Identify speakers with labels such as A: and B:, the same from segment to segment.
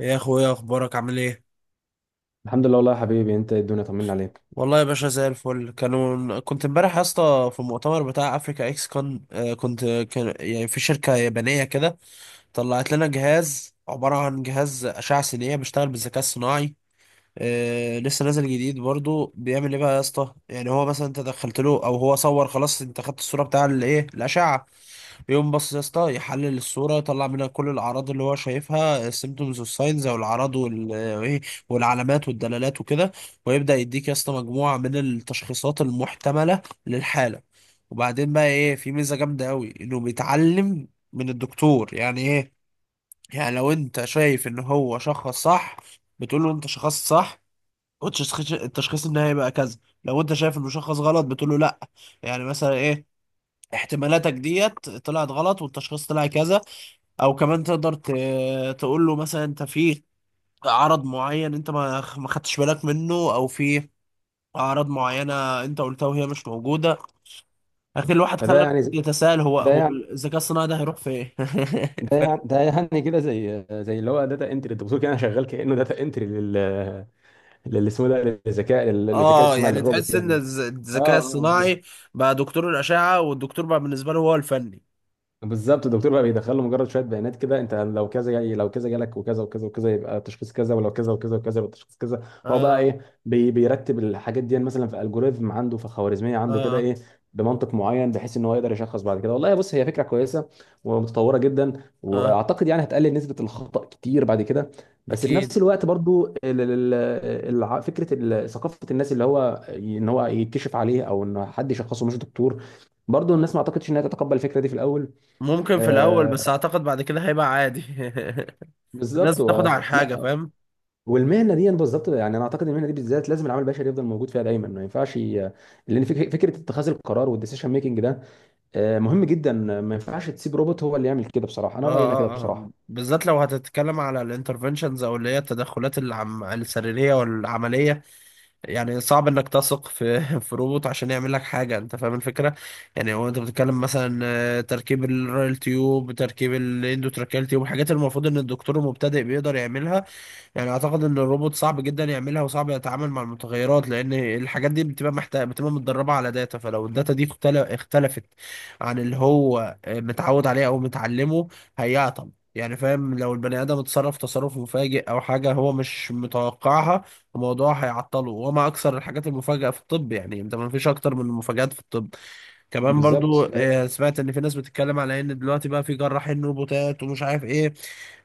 A: يا اخويا، اخبارك عامل ايه؟
B: الحمد لله، والله يا حبيبي، انت الدنيا طمنا عليك.
A: والله يا باشا زي الفل. كنت امبارح يا اسطى في المؤتمر بتاع افريكا اكس كون. آه، كنت كان يعني في شركه يابانيه كده طلعت لنا جهاز، عباره عن جهاز اشعه سينيه بيشتغل بالذكاء الصناعي. آه، لسه نازل جديد. برضو بيعمل ايه بقى يا اسطى؟ يعني هو مثلا انت دخلت له، او هو صور، خلاص انت خدت الصوره بتاع الايه، الاشعه، بيقوم بص يا اسطى يحلل الصوره، يطلع منها كل الاعراض اللي هو شايفها، السيمتومز والساينز، او الاعراض وال- وايه والعلامات والدلالات وكده، ويبدا يديك يا اسطى مجموعه من التشخيصات المحتمله للحاله. وبعدين بقى ايه، في ميزه جامده قوي انه بيتعلم من الدكتور. يعني ايه؟ يعني لو انت شايف ان هو شخص صح، بتقول له انت شخصت صح، والتشخيص النهائي بقى كذا. لو انت شايف المشخص غلط، بتقول له لا، يعني مثلا ايه، احتمالاتك ديت طلعت غلط والتشخيص طلع كذا. او كمان تقدر تقول له مثلا انت في عرض معين انت ما خدتش بالك منه، او في اعراض معينه انت قلتها وهي مش موجوده. اخي، الواحد
B: فده
A: خلى
B: يعني
A: يتساءل،
B: ده
A: هو
B: يعني
A: الذكاء الصناعي ده هيروح فين؟
B: ده يعني ده يعني كده زي اللي هو داتا انتري، انت بتقول كده، انا شغال كانه داتا انتري لل اسمه ده، للذكاء
A: اه،
B: الاصطناعي،
A: يعني
B: للروبوت
A: تحس ان
B: يعني. اه،
A: الذكاء
B: اه،
A: الصناعي بقى دكتور الاشعه، والدكتور بقى بالنسبه له هو الفني.
B: بالظبط. الدكتور بقى بيدخل له مجرد شويه بيانات كده، انت لو كذا جاي، لو كذا جالك وكذا وكذا وكذا يبقى تشخيص كذا، ولو كذا وكذا وكذا يبقى تشخيص كذا. هو بقى
A: اه،
B: ايه، بيرتب الحاجات دي، مثلا في الجوريزم عنده، في خوارزميه عنده كده،
A: اه،
B: ايه، بمنطق معين بحيث ان هو يقدر يشخص بعد كده. والله بص، هي فكره كويسه ومتطوره جدا،
A: اه،
B: واعتقد يعني هتقلل نسبه الخطا كتير بعد كده. بس في
A: اكيد.
B: نفس الوقت برضو ثقافه الناس اللي هو ان هو يتكشف عليه، او ان حد يشخصه مش دكتور، برضو الناس ما اعتقدش انها تتقبل الفكره دي في الاول.
A: ممكن في الاول، بس
B: آه،
A: اعتقد بعد كده هيبقى عادي الناس
B: بالظبط.
A: بتاخد على الحاجه،
B: لا،
A: فاهم.
B: والمهنه دي بالظبط، يعني انا اعتقد المهنه دي بالذات لازم العامل البشري يفضل موجود فيها دايما، ما ينفعش ي... لان فكره اتخاذ القرار والديسيشن ميكنج ده مهم جدا. ما ينفعش تسيب روبوت هو اللي يعمل كده، بصراحه
A: اه،
B: انا رايي انا كده
A: اه، اه،
B: بصراحه.
A: بالذات لو هتتكلم على الانترفنشنز، او اللي هي التدخلات السريريه والعمليه. يعني صعب انك تثق في في روبوت عشان يعمل لك حاجه، انت فاهم الفكره. يعني هو انت بتتكلم مثلا، تركيب الرايل تيوب، تركيب الاندوتراكيال تيوب، الحاجات اللي المفروض ان الدكتور المبتدئ بيقدر يعملها. يعني اعتقد ان الروبوت صعب جدا يعملها، وصعب يتعامل مع المتغيرات، لان الحاجات دي بتبقى محتاجه، بتبقى متدربه على داتا، فلو الداتا دي اختلفت عن اللي هو متعود عليه او متعلمه، هيعطل. يعني فاهم، لو البني ادم اتصرف تصرف مفاجئ او حاجه هو مش متوقعها، الموضوع هيعطله. وما اكثر الحاجات المفاجئه في الطب، يعني انت ما فيش اكتر من المفاجآت في الطب. كمان برضو
B: بالظبط.
A: سمعت ان في ناس بتتكلم على ان دلوقتي بقى في جراحين روبوتات ومش عارف ايه.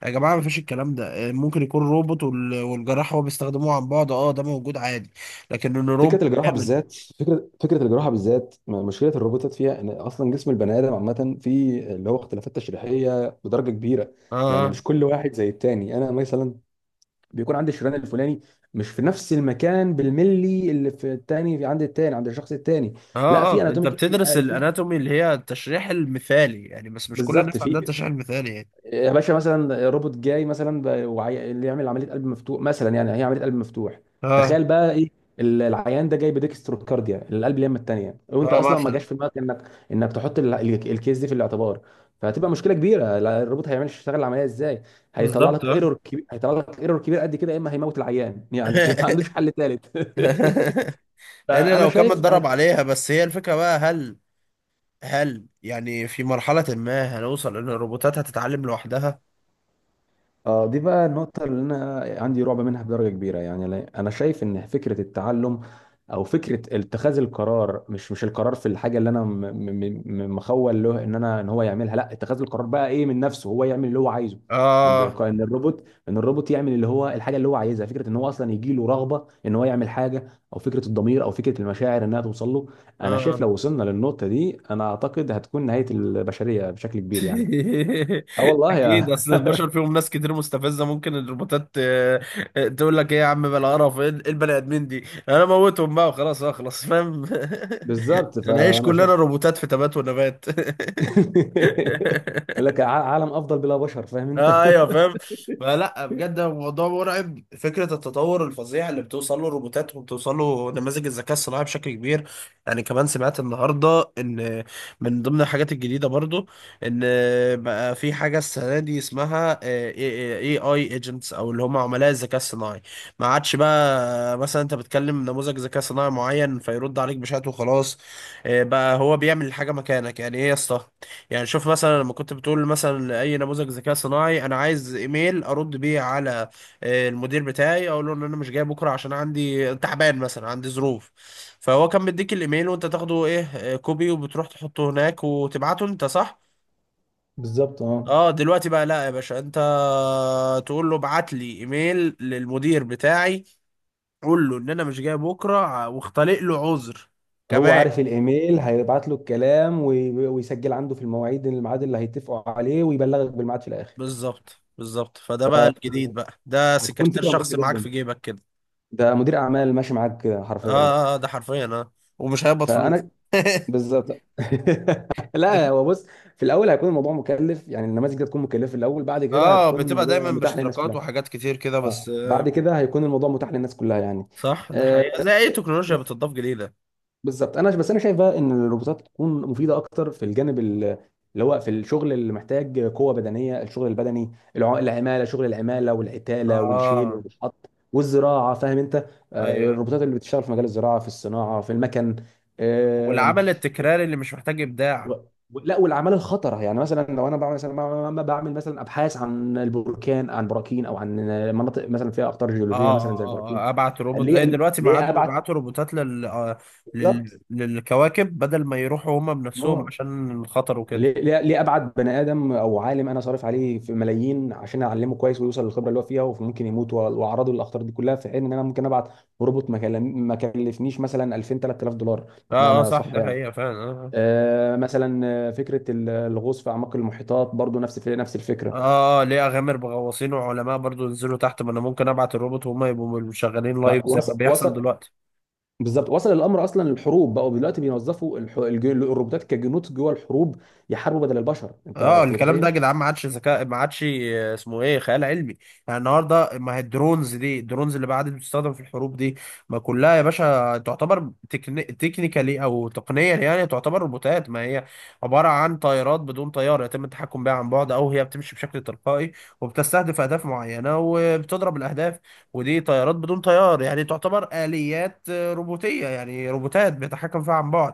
A: يا جماعه ما فيش الكلام ده. ممكن يكون روبوت، والجراح هو بيستخدموه عن بعد، اه ده موجود عادي. لكن ان روبوت
B: فكره الجراحه
A: كامل.
B: بالذات فكره فكره الجراحه بالذات مشكله الروبوتات فيها ان اصلا جسم البني ادم عامه فيه اللي هو اختلافات تشريحيه بدرجه كبيره. يعني
A: اه،
B: مش كل واحد زي التاني، انا مثلا بيكون عند الشريان الفلاني مش في نفس المكان بالملي اللي في التاني، في عند التاني، عند الشخص التاني.
A: اه،
B: لا،
A: اه،
B: في
A: اه، انت
B: اناتوميك،
A: بتدرس الاناتومي اللي هي التشريح المثالي يعني، بس مش كل
B: بالظبط،
A: الناس عندها
B: في
A: التشريح المثالي يعني.
B: يا باشا، مثلا روبوت جاي مثلا اللي يعمل عمليه قلب مفتوح مثلا، يعني هي عمليه قلب مفتوح.
A: اه،
B: تخيل بقى ايه، العيان ده جاي بديكستروكارديا، القلب اليمه الثانيه، وانت
A: اه
B: اصلا ما جاش
A: مثلا.
B: في دماغك انك تحط الكيس دي في الاعتبار. فهتبقى مشكله كبيره. لا، الروبوت هيعمل يشتغل العمليه ازاي؟ هيطلع
A: بالظبط.
B: لك
A: اه
B: ايرور كبير، هيطلع لك ايرور كبير قد كده، يا اما هيموت العيان يعني. ما عندوش حل ثالث.
A: الا
B: فانا
A: لو كان
B: شايف
A: متدرب
B: انا.
A: عليها. بس هي الفكره بقى، هل يعني في مرحلة ما هنوصل إن الروبوتات هتتعلم لوحدها؟
B: اه دي بقى النقطة اللي أنا عندي رعب منها بدرجة كبيرة يعني. أنا شايف إن فكرة التعلم أو فكرة اتخاذ القرار، مش القرار في الحاجة اللي أنا مخول له، إن هو يعملها، لا، اتخاذ القرار بقى إيه من نفسه، هو يعمل اللي هو عايزه.
A: آه.
B: إن الروبوت يعمل اللي هو الحاجة اللي هو عايزها، فكرة إن هو أصلا يجي له رغبة إن هو يعمل حاجة، أو فكرة الضمير، أو فكرة المشاعر إنها توصل له. أنا شايف
A: آه
B: لو وصلنا للنقطة دي، أنا أعتقد هتكون نهاية البشرية بشكل كبير يعني. اه والله
A: أكيد،
B: يا.
A: أصل البشر فيهم ناس كتير مستفزة، ممكن الروبوتات، تقول لك إيه يا عم بلا قرف، إيه البني آدمين دي؟ أنا موتهم بقى وخلاص أخلص، فاهم؟
B: بالظبط،
A: نعيش
B: فانا شايف.
A: كلنا روبوتات في تبات ونبات
B: يقول لك عالم افضل بلا بشر، فاهم انت؟
A: ايوه فاهم. فلا، بجد الموضوع مرعب، فكره التطور الفظيع اللي بتوصل له الروبوتات وبتوصل له نماذج الذكاء الصناعي بشكل كبير. يعني كمان سمعت النهارده ان من ضمن الحاجات الجديده برضو ان بقى في حاجه السنه دي اسمها اي اي ايجنتس، او اللي هم عملاء الذكاء الصناعي. ما عادش بقى مثلا انت بتكلم نموذج ذكاء صناعي معين فيرد عليك بشات وخلاص. بقى هو بيعمل الحاجه مكانك. يعني ايه يا اسطى؟ يعني شوف مثلا، لما كنت بتقول مثلا اي نموذج ذكاء صناعي، انا عايز ايميل ارد بيه على المدير بتاعي، اقول له ان انا مش جاي بكره عشان عندي تعبان مثلا، عندي ظروف. فهو كان بيديك الايميل وانت تاخده ايه، كوبي، وبتروح تحطه هناك وتبعته انت، صح.
B: بالظبط. اه
A: اه، دلوقتي بقى لا يا باشا، انت تقول له ابعت لي ايميل للمدير بتاعي، قول له ان انا مش جاي بكره، واختلق له عذر
B: هو
A: كمان.
B: عارف الايميل هيبعت له الكلام ويسجل عنده في المواعيد، الميعاد اللي هيتفقوا عليه، ويبلغك بالميعاد في الاخر.
A: بالظبط. فده بقى الجديد، بقى ده
B: هتكون
A: سكرتير
B: فكره مريحه
A: شخصي معاك
B: جدا.
A: في جيبك كده.
B: ده مدير اعمال ماشي معاك كده حرفيا.
A: اه، ده حرفيا. اه، ومش هيقبض فلوس
B: فانا. بالظبط. لا، هو بص، في الاول هيكون الموضوع مكلف، يعني النماذج دي هتكون مكلفه في الاول، بعد كده
A: اه،
B: هتكون
A: بتبقى
B: الموضوع
A: دايما
B: متاح للناس
A: باشتراكات
B: كلها.
A: وحاجات كتير كده،
B: اه
A: بس
B: بعد كده هيكون الموضوع متاح للناس كلها يعني.
A: صح، ده
B: آه،
A: حقيقة زي اي تكنولوجيا بتضاف جديدة.
B: بالظبط. انا بس انا شايف بقى ان الروبوتات تكون مفيده اكتر في الجانب اللي هو في الشغل اللي محتاج قوه بدنيه، الشغل البدني، العماله، شغل العماله والعتاله والشيل
A: اه،
B: والشحط والزراعه، فاهم انت؟
A: ايوه، أيوة.
B: الروبوتات اللي بتشتغل في مجال الزراعه، في الصناعه، في المكن. آم،
A: والعمل التكراري اللي مش محتاج
B: و-
A: ابداع.
B: لا، والاعمال الخطره، يعني مثلا لو انا بعمل مثلا، بعمل مثلا ابحاث عن البركان، عن براكين، او عن مناطق مثلا فيها اخطار
A: اه،
B: جيولوجيه،
A: اه،
B: مثلا زي البراكين.
A: اه، ابعت روبوت،
B: اللي هي
A: زي دلوقتي ما
B: اللي هي
A: عادوا
B: ابعد.
A: بيبعتوا روبوتات
B: بالظبط.
A: للكواكب، بدل ما يروحوا هما بنفسهم
B: اه،
A: عشان الخطر وكده.
B: ليه ليه ليه ابعد بني ادم او عالم انا صارف عليه في ملايين عشان اعلمه كويس ويوصل للخبره اللي هو فيها، وممكن يموت، واعرضه للاخطار دي كلها، في حين ان انا ممكن ابعت روبوت ما كلفنيش مثلا 2000 3000 دولار.
A: اه، اه،
B: بمعنى
A: صح،
B: صح
A: ده
B: يعني.
A: حقيقة فعلا. آه. آه.
B: مثلا، فكره الغوص في اعماق المحيطات برضو نفس نفس الفكره.
A: اه، ليه اغامر بغواصين وعلماء برضو ينزلوا تحت، ما انا ممكن ابعت الروبوت وهم يبقوا شغالين
B: ده
A: لايف زي ما
B: وصل
A: بيحصل
B: وصل
A: دلوقتي.
B: بالظبط، وصل الامر اصلا للحروب، بقوا دلوقتي بيوظفوا الروبوتات كجنود جوه الحروب، يحاربوا بدل البشر. انت
A: اه،
B: أنت
A: الكلام ده
B: متخيل؟
A: يا جدعان ما عادش ذكاء، ما عادش اسمه ايه، خيال علمي. يعني النهارده، ما هي الدرونز دي، الدرونز اللي بعد بتستخدم في الحروب دي، ما كلها يا باشا تعتبر تكنيكالي او تقنيا يعني، تعتبر روبوتات. ما هي عباره عن طائرات بدون طيار يتم التحكم بها عن بعد، او هي بتمشي بشكل تلقائي وبتستهدف اهداف معينه وبتضرب الاهداف. ودي طيارات بدون طيار، يعني تعتبر اليات روبوتيه، يعني روبوتات بيتحكم فيها عن بعد.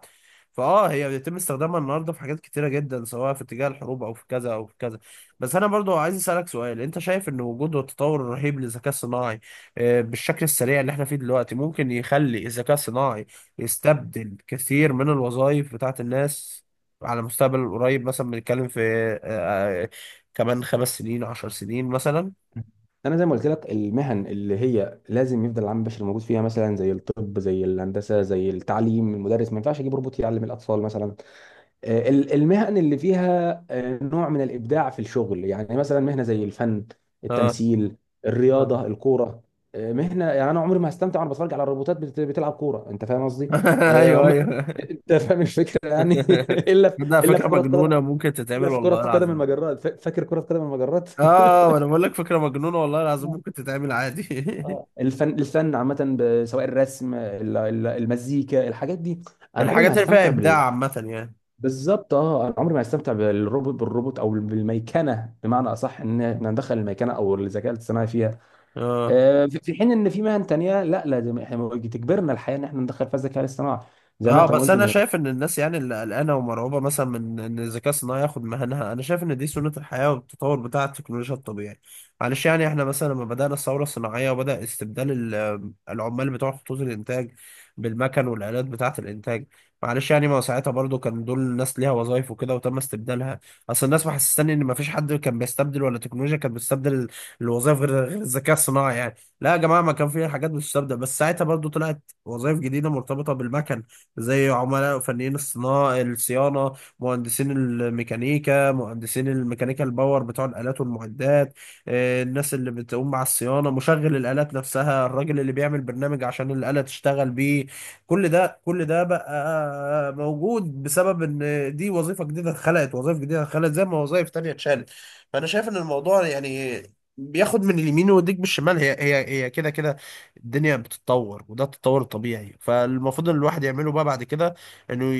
A: فاه، هي بيتم استخدامها النهارده في حاجات كتيره جدا، سواء في اتجاه الحروب او في كذا او في كذا. بس انا برضو عايز اسالك سؤال، انت شايف ان وجود التطور الرهيب للذكاء الصناعي بالشكل السريع اللي احنا فيه دلوقتي، ممكن يخلي الذكاء الصناعي يستبدل كثير من الوظائف بتاعت الناس على المستقبل القريب؟ مثلا بنتكلم في آه، آه، كمان 5 سنين، 10 سنين مثلا.
B: انا زي ما قلت لك، المهن اللي هي لازم يفضل العامل البشري موجود فيها، مثلا زي الطب، زي الهندسه، زي التعليم. المدرس ما ينفعش اجيب روبوت يعلم الاطفال مثلا. المهن اللي فيها نوع من الابداع في الشغل، يعني مثلا مهنه زي الفن،
A: اه،
B: التمثيل،
A: اه
B: الرياضه، الكوره. مهنه يعني انا عمري ما هستمتع وانا بتفرج على الروبوتات بتلعب كوره، انت فاهم قصدي؟ آه،
A: ايوه
B: عم...
A: ايوه
B: انت فاهم الفكره يعني. الا في...
A: ده
B: الا
A: فكره
B: في كره
A: مجنونه
B: قدم،
A: ممكن تتعمل
B: الا في كره
A: والله
B: قدم
A: العظيم.
B: المجرات، فاكر كره قدم المجرات؟
A: اه، وانا بقول لك فكره مجنونه، والله العظيم ممكن تتعمل عادي
B: اه، الفن الفن عامة، سواء الرسم، المزيكا، الحاجات دي. انا عمري ما
A: الحاجات اللي فيها
B: هستمتع بال.
A: ابداع عامه يعني.
B: بالظبط. اه، انا عمري ما هستمتع بالروبوت او بالميكنه بمعنى اصح، ان احنا ندخل الميكنه او الذكاء الاصطناعي فيها.
A: اه،
B: في، في حين ان في مهن تانية، لا لازم احنا، تجبرنا الحياه ان احنا ندخل فيها الذكاء الاصطناعي، زي ما
A: اه.
B: انت ما
A: بس
B: قلت
A: انا شايف ان الناس يعني اللي قلقانه ومرعوبه مثلا من ان الذكاء الصناعي ياخد مهنها، انا شايف ان دي سنه الحياه والتطور بتاع التكنولوجيا الطبيعي. معلش يعني، احنا مثلا لما بدانا الثوره الصناعيه وبدا استبدال العمال بتوع خطوط الانتاج بالمكن والالات بتاعه الانتاج، معلش يعني، ما هو ساعتها برضو كان دول الناس ليها وظايف وكده وتم استبدالها. اصل الناس محسساني ان ما فيش حد كان بيستبدل، ولا تكنولوجيا كانت بتستبدل الوظايف، غير الذكاء الصناعي يعني. لا يا جماعه، ما كان في حاجات بتستبدل، بس ساعتها برضو طلعت وظايف جديده مرتبطه بالمكن، زي عملاء فنيين الصناعة، الصيانة، مهندسين الميكانيكا الباور بتوع الآلات والمعدات، الناس اللي بتقوم مع الصيانة، مشغل الآلات نفسها، الراجل اللي بيعمل برنامج عشان الآلة تشتغل بيه. كل ده بقى موجود بسبب ان دي وظيفة جديدة اتخلقت، وظائف جديدة اتخلقت زي ما وظائف تانية اتشالت. فأنا شايف ان الموضوع يعني بياخد من اليمين ويديك بالشمال، هي كده كده. الدنيا بتتطور، وده التطور الطبيعي، فالمفروض ان الواحد يعمله بقى بعد كده، انه ي-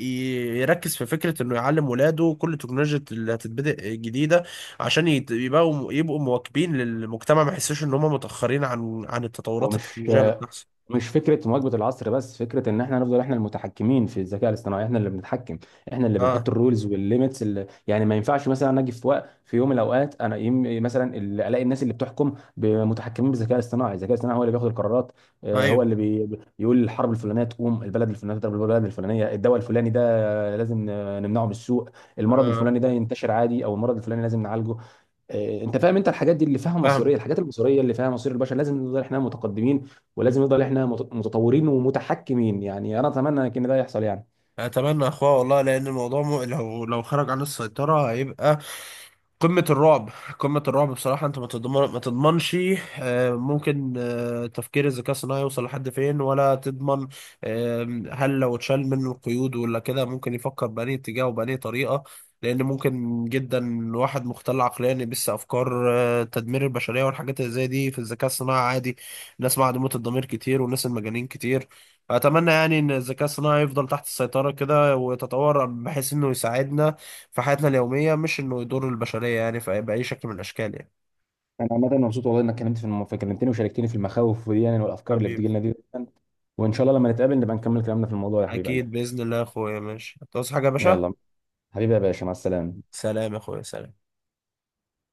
A: ي- يركز في فكرة انه يعلم ولاده كل التكنولوجيا اللي هتتبدأ جديدة، عشان يبقوا مواكبين للمجتمع، ما يحسوش ان هم متأخرين عن
B: هو
A: التطورات
B: مش
A: التكنولوجية اللي بتحصل.
B: مش فكره مواكبه العصر بس، فكره ان احنا نفضل احنا المتحكمين في الذكاء الاصطناعي، احنا اللي بنتحكم، احنا اللي بنحط
A: اه،
B: الرولز والليميتس. اللي يعني ما ينفعش مثلا انا اجي في وقت، في يوم من الاوقات، انا مثلا الاقي الناس اللي بتحكم متحكمين بالذكاء الاصطناعي، الذكاء الاصطناعي هو اللي بياخد القرارات. هو
A: ايوه،
B: اللي يقول الحرب الفلانيه تقوم، البلد الفلانيه تضرب البلد الفلانيه، الدواء الفلاني ده لازم نمنعه من السوق، المرض
A: اه،
B: الفلاني ده ينتشر عادي، او المرض الفلاني لازم نعالجه. انت فاهم؟ انت الحاجات دي اللي فيها
A: فاهمك.
B: مصيريه، الحاجات المصيريه اللي فيها مصير البشر لازم نفضل احنا متقدمين،
A: م.
B: ولازم نفضل احنا متطورين ومتحكمين، يعني انا اتمنى ان ده يحصل يعني.
A: اتمنى يا اخويا والله، لان الموضوع لو خرج عن السيطرة هيبقى قمة الرعب. قمة الرعب بصراحة. انت ما تضمن، ما تضمنش. ممكن تفكير الذكاء الصناعي يوصل لحد فين ولا تضمن. هل لو اتشال منه القيود ولا كده، ممكن يفكر بأنهي اتجاه وبأنهي طريقة؟ لأن ممكن جدا واحد مختل عقليا يبث أفكار تدمير البشرية، والحاجات اللي زي دي في الذكاء الصناعي عادي. الناس معدومة الضمير كتير، والناس المجانين كتير. فأتمنى يعني إن الذكاء الصناعي يفضل تحت السيطرة كده، ويتطور بحيث إنه يساعدنا في حياتنا اليومية، مش إنه يضر البشرية يعني في بأي شكل من الأشكال يعني.
B: انا عامه مبسوط والله انك كلمتني وشاركتني في المخاوف دي يعني، والافكار اللي
A: حبيبي.
B: بتجي لنا دي. وان شاء الله لما نتقابل نبقى نكمل كلامنا في الموضوع، يا حبيب قلبي.
A: أكيد بإذن الله يا أخويا. ماشي، هتعوز حاجة يا باشا؟
B: يلا، حبيبي يا باشا، مع السلامه.
A: سلام يا أخويا، سلام.